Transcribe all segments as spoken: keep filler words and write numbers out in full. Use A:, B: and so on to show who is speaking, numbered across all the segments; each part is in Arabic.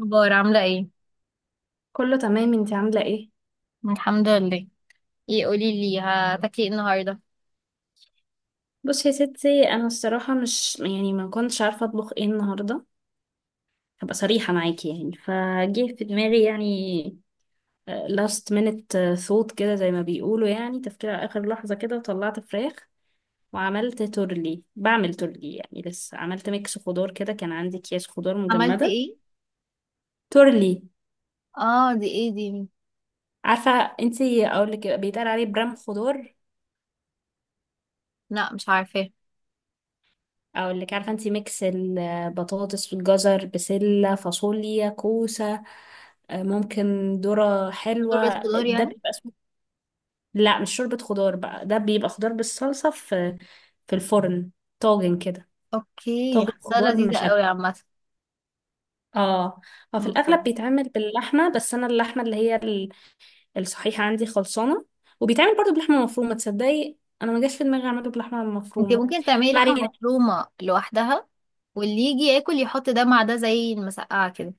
A: اخبار عامله ايه؟
B: كله تمام انتي عاملة ايه؟
A: الحمد لله. ايه قولي لي هتاكلي ايه النهارده؟
B: بصي يا ستي، انا الصراحة مش يعني ما كنتش عارفة اطبخ ايه النهاردة. هبقى صريحة معاكي، يعني فجه في دماغي يعني آه، last minute آه، thought كده، زي ما بيقولوا يعني تفكير على اخر لحظة كده، وطلعت فراخ وعملت تورلي. بعمل تورلي يعني، لسه عملت ميكس خضار كده، كان عندي اكياس خضار
A: عملتي
B: مجمدة.
A: ايه؟
B: تورلي.
A: اه دي ايه دي؟
B: عارفة؟ انتي اقول لك بيتقال عليه برام خضار.
A: لا مش عارفه.
B: اقول لك عارفه انت، ميكس البطاطس والجزر بسله فاصوليا كوسه، آه، ممكن ذره
A: شوربة
B: حلوه،
A: خضار
B: ده
A: يعني.
B: بيبقى اسمه. لا مش شوربه خضار بقى، ده بيبقى خضار بالصلصه في في الفرن. طاجن كده.
A: اوكي،
B: طاجن
A: حاساها
B: خضار
A: لذيذة
B: مشكل.
A: قوي عامة.
B: اه. هو في الاغلب
A: مكرونه.
B: بيتعمل باللحمه، بس انا اللحمه اللي هي ال- الصحيحه عندي خلصانه. وبيتعمل برضو بلحمه مفرومه، تصدقي؟ انا ما جاش في دماغي اعمله بلحمه
A: انت
B: مفرومه.
A: ممكن تعملي
B: ما
A: لحمة مفرومة لوحدها واللي يجي ياكل يحط ده مع ده زي المسقعة كده.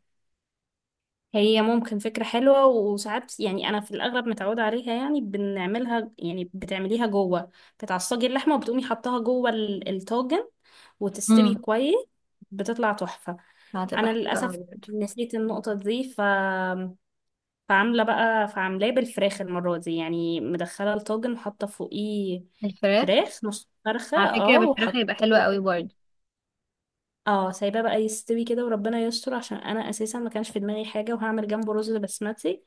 B: هي ممكن فكرة حلوة، وساعات يعني أنا في الأغلب متعودة عليها، يعني بنعملها يعني، بتعمليها جوه. بتعصجي اللحمة وبتقومي حطاها جوه ال- الطاجن وتستوي
A: امم.
B: كويس. بتطلع تحفة.
A: هتبقى
B: أنا
A: حلوة
B: للأسف
A: قوي برضه.
B: نسيت النقطة دي ف... فعاملة بقى، فعاملاه بالفراخ المرة دي يعني، مدخلة الطاجن وحاطة فوقيه
A: الفراخ.
B: فراخ. نص فرخة،
A: على فكره
B: اه،
A: بالفراخ
B: وحاطة.
A: هيبقى حلو قوي برضه.
B: اه، سايباه بقى يستوي كده، وربنا يستر، عشان انا اساسا ما كانش في دماغي حاجه، وهعمل جنبه رز بسمتي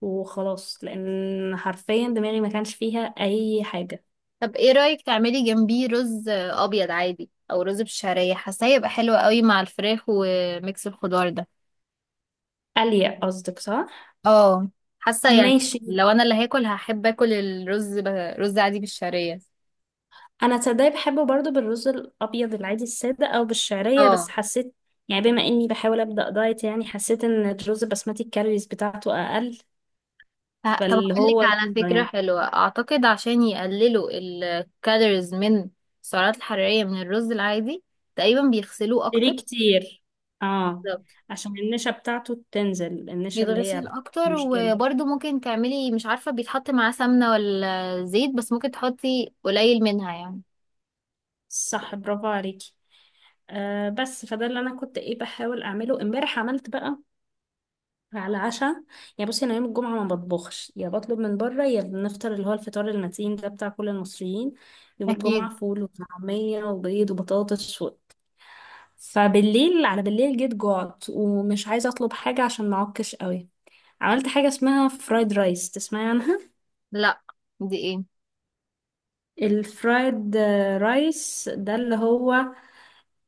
B: وخلاص، لان حرفيا دماغي ما كانش فيها اي حاجه.
A: طب ايه رأيك تعملي جنبيه رز ابيض عادي او رز بالشعرية؟ حاساه يبقى حلو قوي مع الفراخ وميكس الخضار ده.
B: قليه قصدك، صح.
A: اه. حاسه يعني.
B: ماشي.
A: لو انا اللي هاكل هحب اكل الرز ب... رز عادي بالشعريه.
B: انا تصدقي بحبه برضو بالرز الابيض العادي الساده او بالشعريه، بس
A: اه.
B: حسيت يعني بما اني بحاول ابدا دايت، يعني حسيت ان الرز البسمتي الكالوريز بتاعته اقل،
A: ه- طب
B: فاللي
A: اقول لك
B: هو
A: على
B: يلا
A: فكره
B: يعني.
A: حلوه، اعتقد عشان يقللوا الكالوريز من السعرات الحراريه من الرز العادي تقريبا بيغسلوه اكتر.
B: ليه كتير. اه.
A: بالظبط.
B: عشان النشا بتاعته تنزل، النشا اللي
A: يتغسل
B: هي
A: اكتر،
B: مشكله.
A: وبرده ممكن تعملي مش عارفه بيتحط معاه سمنه ولا زيت بس ممكن تحطي قليل منها يعني.
B: صح، برافو عليكي. آه بس فده اللي انا كنت ايه بحاول اعمله امبارح، عملت بقى على عشاء يعني. بصي انا يوم الجمعه ما بطبخش، يا بطلب من بره يا بنفطر اللي هو الفطار المتين ده بتاع كل المصريين. يوم
A: اكيد.
B: الجمعه فول وطعميه وبيض وبطاطس و... فبالليل، على بالليل، جيت جوعت ومش عايزه اطلب حاجه عشان ما اعكش قوي. عملت حاجه اسمها فرايد رايس، تسمعي عنها؟
A: لا. دي ايه؟
B: الفرايد آه، رايس ده اللي هو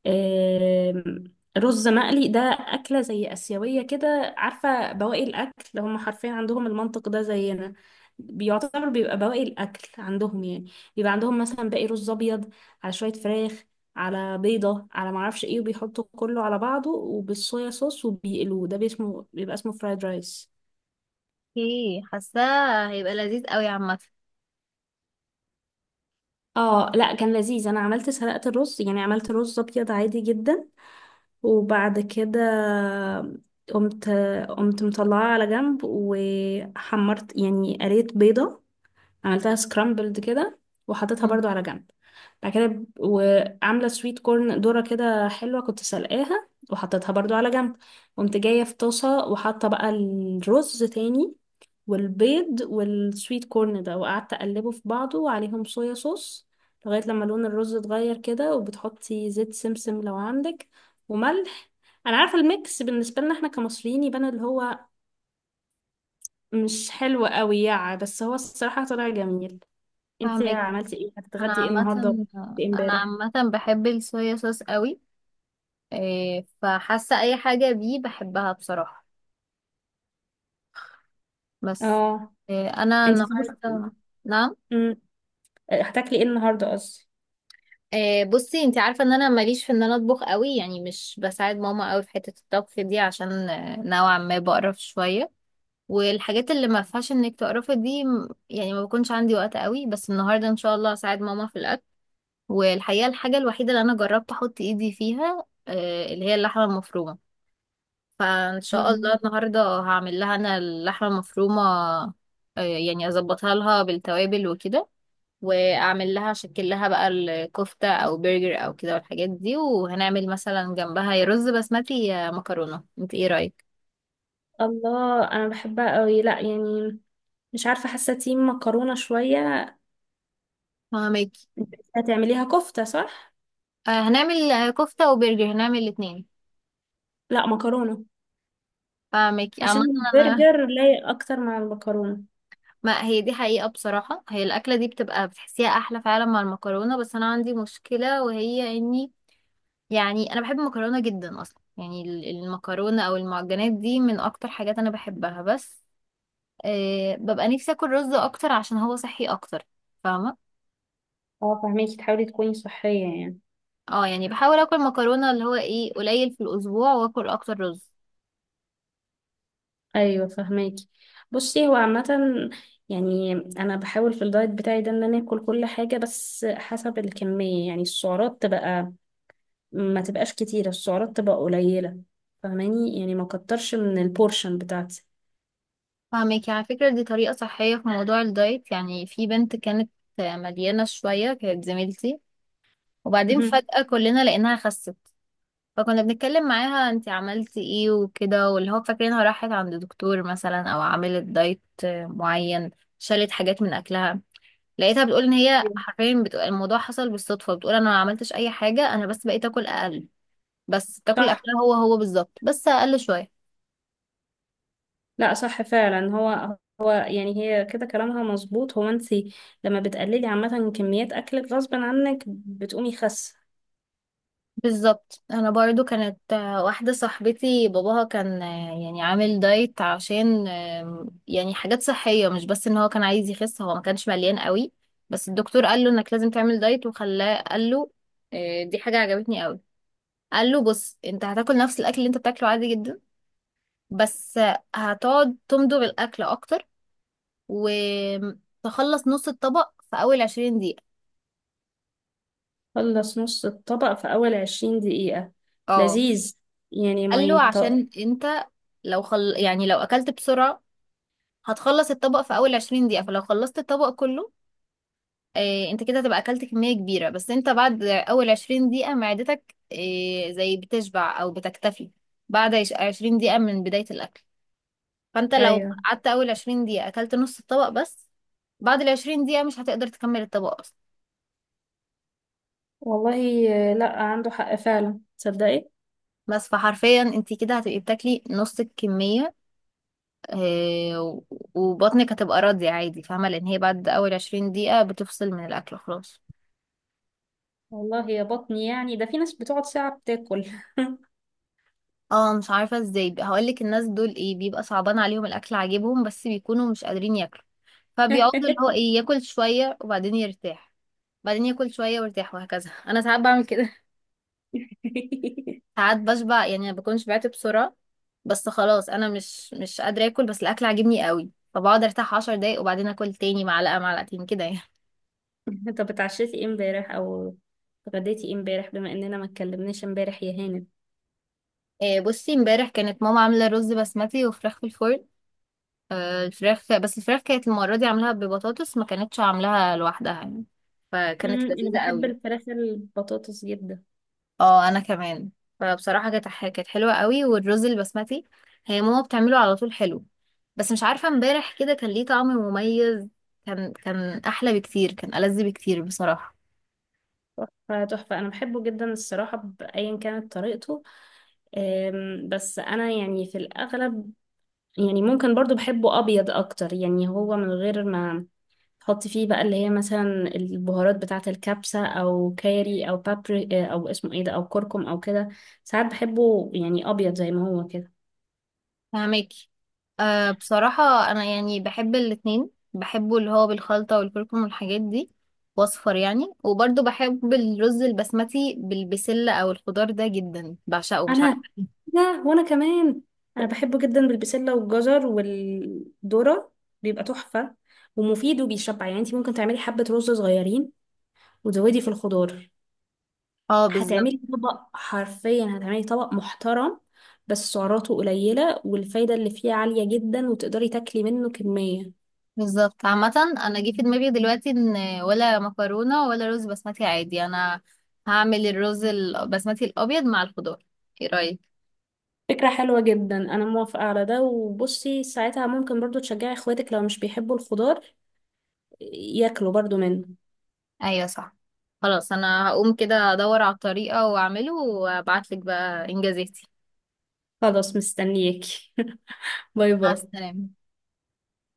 B: آم، رز مقلي. ده أكلة زي آسيوية كده، عارفة؟ بواقي الأكل، هم حرفيا عندهم المنطق ده زينا. بيعتبر، بيبقى بواقي الأكل عندهم يعني. بيبقى عندهم مثلا باقي رز أبيض، على شوية فراخ، على بيضة، على معرفش ايه، وبيحطوا كله على بعضه وبالصويا صوص وبيقلوه. ده بيسمه، بيبقى اسمه فرايد رايس.
A: ايه، حاساه هيبقى لذيذ قوي عامه.
B: اه لا، كان لذيذ. انا عملت سلقة الرز يعني، عملت رز ابيض عادي جدا. وبعد كده قمت قمت مطلعاها على جنب وحمرت يعني. قريت بيضة عملتها سكرامبلد كده، وحطيتها
A: مم.
B: برضو على جنب. بعد كده ب- وعاملة سويت كورن، ذرة كده حلوة كنت سلقاها وحطيتها برضو على جنب. قمت جاية في طاسة وحاطة بقى الرز تاني، والبيض والسويت كورن ده، وقعدت اقلبه في بعضه وعليهم صويا صوص، لغاية لما لون الرز اتغير كده. وبتحطي زيت سمسم لو عندك، وملح. انا عارفة الميكس بالنسبة لنا احنا كمصريين يبان اللي هو مش حلو قوي يعني، بس هو الصراحة طلع جميل. انت
A: فاهمك.
B: عملتي ايه؟
A: انا
B: هتتغدي ايه
A: عامه
B: النهاردة وبتاكلي ايه
A: انا
B: امبارح؟
A: عامه بحب الصويا صوص قوي. إيه، فحاسه اي حاجه بيه بحبها بصراحه. بس.
B: اه.
A: إيه، انا
B: انت طبختي ايه؟
A: النهارده نعم.
B: امم هتاكلي ايه النهاردة قصدي.
A: إيه، بصي، انت عارفه ان انا ماليش في ان انا اطبخ قوي، يعني مش بساعد ماما قوي في حته الطبخ دي عشان آه، نوعا ما بقرف شويه. والحاجات اللي ما فيهاش انك تقرفي دي م- يعني ما بكونش عندي وقت قوي، بس النهارده ان شاء الله هساعد ماما في الاكل. والحقيقه الحاجه الوحيده اللي انا جربت احط ايدي فيها، آه، اللي هي اللحمه المفرومه. فان شاء الله
B: آه.
A: النهارده هعمل لها انا اللحمه المفرومه. آه، يعني اظبطها لها بالتوابل وكده، واعمل لها اشكل لها بقى الكفته او برجر او كده والحاجات دي. وهنعمل مثلا جنبها يا رز بسمتي يا مكرونه. انت ايه رايك؟
B: الله انا بحبها قوي، لا يعني مش عارفة، حاسة تيم مكرونة شوية.
A: فاهمكي.
B: انت هتعمليها كفتة صح؟
A: آه، هنعمل آه، كفته وبرجر، هنعمل الاثنين.
B: لا، مكرونة،
A: فاهمكي
B: عشان
A: عامه. انا
B: البرجر لايق أكتر مع المكرونة.
A: ما هي دي حقيقه بصراحه. هي الاكله دي بتبقى بتحسيها احلى فعلا مع المكرونه، بس انا عندي مشكله وهي اني يعني انا بحب المكرونه جدا اصلا. يعني ال- المكرونه او المعجنات دي من اكتر حاجات انا بحبها، بس أه ببقى نفسي اكل رز اكتر عشان هو صحي اكتر. فاهمه.
B: اه، فهميكي، تحاولي تكوني صحية يعني.
A: اه، يعني بحاول اكل مكرونه اللي هو ايه قليل في الاسبوع واكل اكتر رز.
B: أيوة فهميكي. بصي هو عامة، يعني أنا بحاول في الدايت بتاعي ده إن أنا آكل كل حاجة، بس حسب الكمية، يعني السعرات تبقى ما تبقاش كتيرة، السعرات تبقى قليلة، فهماني؟ يعني ما كترش من البورشن بتاعتي.
A: فاهمك. يعني على فكره دي طريقه صحيه في موضوع الدايت. يعني في بنت كانت مليانه شويه، كانت زميلتي، وبعدين
B: مهم.
A: فجاه كلنا لقيناها خست. فكنا بنتكلم معاها انتي عملتي ايه وكده، واللي هو فاكرينها راحت عند دكتور مثلا او عملت دايت معين، شالت حاجات من اكلها. لقيتها بتقول ان هي حرفيا بتقول الموضوع حصل بالصدفة. بتقول انا ما عملتش اي حاجة، انا بس بقيت اكل اقل. بس تاكل
B: صح.
A: اكلها هو هو بالظبط بس اقل شوية.
B: لا صح فعلا، هو هو يعني، هي كده كلامها مظبوط. هو انت لما بتقللي عامة كميات اكلك، غصب عنك بتقومي خس.
A: بالظبط. انا برضو كانت آه، واحده صاحبتي باباها كان آه، يعني عامل دايت عشان آم، يعني حاجات صحيه، مش بس ان هو كان عايز يخس. هو ما كانش مليان قوي، بس الدكتور قال له انك لازم تعمل دايت وخلاه قال له آه، دي حاجه عجبتني قوي. قال له بص، انت هتاكل نفس الاكل اللي انت بتاكله عادي جدا، بس آه، هتقعد تمضغ الاكل اكتر وتخلص نص الطبق في اول عشرين دقيقه.
B: خلص نص الطبق في اول عشرين دقيقة؟
A: اه.
B: لذيذ. يعني ما
A: قال له
B: يط...
A: عشان انت لو خل... يعني لو اكلت بسرعه هتخلص الطبق في اول عشرين دقيقة. فلو خلصت الطبق كله، آه، انت كده هتبقى اكلت كمية كبيرة. بس انت بعد اول عشرين دقيقة معدتك آه، زي بتشبع او بتكتفي بعد عش- عشرين دقيقة من بداية الاكل. فانت لو
B: ايوه.
A: قعدت اول عشرين دقيقة اكلت نص الطبق بس. بعد ال عشرين دقيقة مش هتقدر تكمل الطبق اصلا.
B: والله، آه، لا، عنده حق فعلا، تصدقي.
A: بس فحرفيا انت كده هتبقي بتاكلي نص الكمية. آه، و- وبطنك هتبقى راضية عادي، فاهمة؟ لان هي بعد اول عشرين دقيقة بتفصل من الاكل خلاص.
B: والله يا بطني، يعني ده في ناس بتقعد ساعة بتاكل.
A: اه، مش عارفة ازاي هقولك. الناس دول ايه بيبقى صعبان عليهم الأكل عاجبهم بس بيكونوا مش قادرين ياكلوا، فبيقعدوا اللي هو ايه ياكل شوية وبعدين يرتاح، بعدين ياكل شوية ويرتاح وهكذا. أنا ساعات بعمل كده. ساعات بشبع يعني ما بكونش بعت بسرعة، بس خلاص أنا مش مش قادرة آكل بس الأكل عاجبني قوي، فبقعد أرتاح عشر دقايق وبعدين آكل تاني معلقة معلقتين كده يعني.
B: طب اتعشيتي ايه امبارح، او اتغديتي ايه امبارح، بما اننا ما اتكلمناش امبارح يا هاني؟
A: إيه بصي امبارح كانت ماما عاملة رز بسمتي وفراخ في الفرن. آه، الفراخ بس الفراخ كانت المرة دي عاملاها ببطاطس ما كانتش عاملاها لوحدها يعني. فكانت
B: امم انا
A: لذيذة
B: بحب
A: قوي.
B: الفراخ البطاطس جدا.
A: اه انا كمان. فبصراحة كانت ح- كانت حلوة قوي. والرز البسمتي هي ماما بتعمله على طول حلو، بس مش عارفة امبارح كده كان ليه طعم مميز. كان كان احلى بكتير، كان ألذ بكتير بصراحة.
B: تحفه تحفه. انا بحبه جدا الصراحه، بايا كانت طريقته. أم، بس انا يعني في الاغلب، يعني ممكن برضو بحبه ابيض اكتر يعني، هو من غير ما تحط فيه بقى اللي هي مثلا البهارات بتاعه الكبسه او كاري او بابري، آه، او اسمه ايه ده، او كركم او كده. ساعات بحبه يعني ابيض زي ما هو كده.
A: فهماكي. أه بصراحة أنا يعني بحب الاتنين. بحبه اللي هو بالخلطة والكركم والحاجات دي وأصفر يعني، وبرضه بحب الرز البسمتي بالبسلة أو الخضار ده جدا، بعشقه مش عارفة
B: انا
A: ليه.
B: لا وانا كمان، انا بحبه جدا بالبسله والجزر والذره. بيبقى تحفه ومفيد وبيشبع يعني. انت ممكن تعملي حبه رز صغيرين وتزودي في الخضار،
A: اه بالظبط.
B: هتعملي طبق، حرفيا هتعملي طبق محترم بس سعراته قليله، والفايده اللي فيه عاليه جدا، وتقدري تاكلي منه كميه.
A: بالظبط عامة. أنا جه في دماغي دلوقتي إن ولا مكرونة ولا رز بسمتي عادي، أنا هعمل الرز البسمتي الأبيض مع الخضار. ايه رأيك؟
B: فكره حلوه جدا، انا موافقه على ده. وبصي ساعتها ممكن برضو تشجعي اخواتك لو مش بيحبوا الخضار ياكلوا برضو منه.
A: أيوه صح. خلاص، أنا هقوم كده أدور على الطريقة وأعمله وأبعتلك بقى إنجازاتي.
B: خلاص مستنياكي. باي
A: مع
B: باي.
A: السلامة.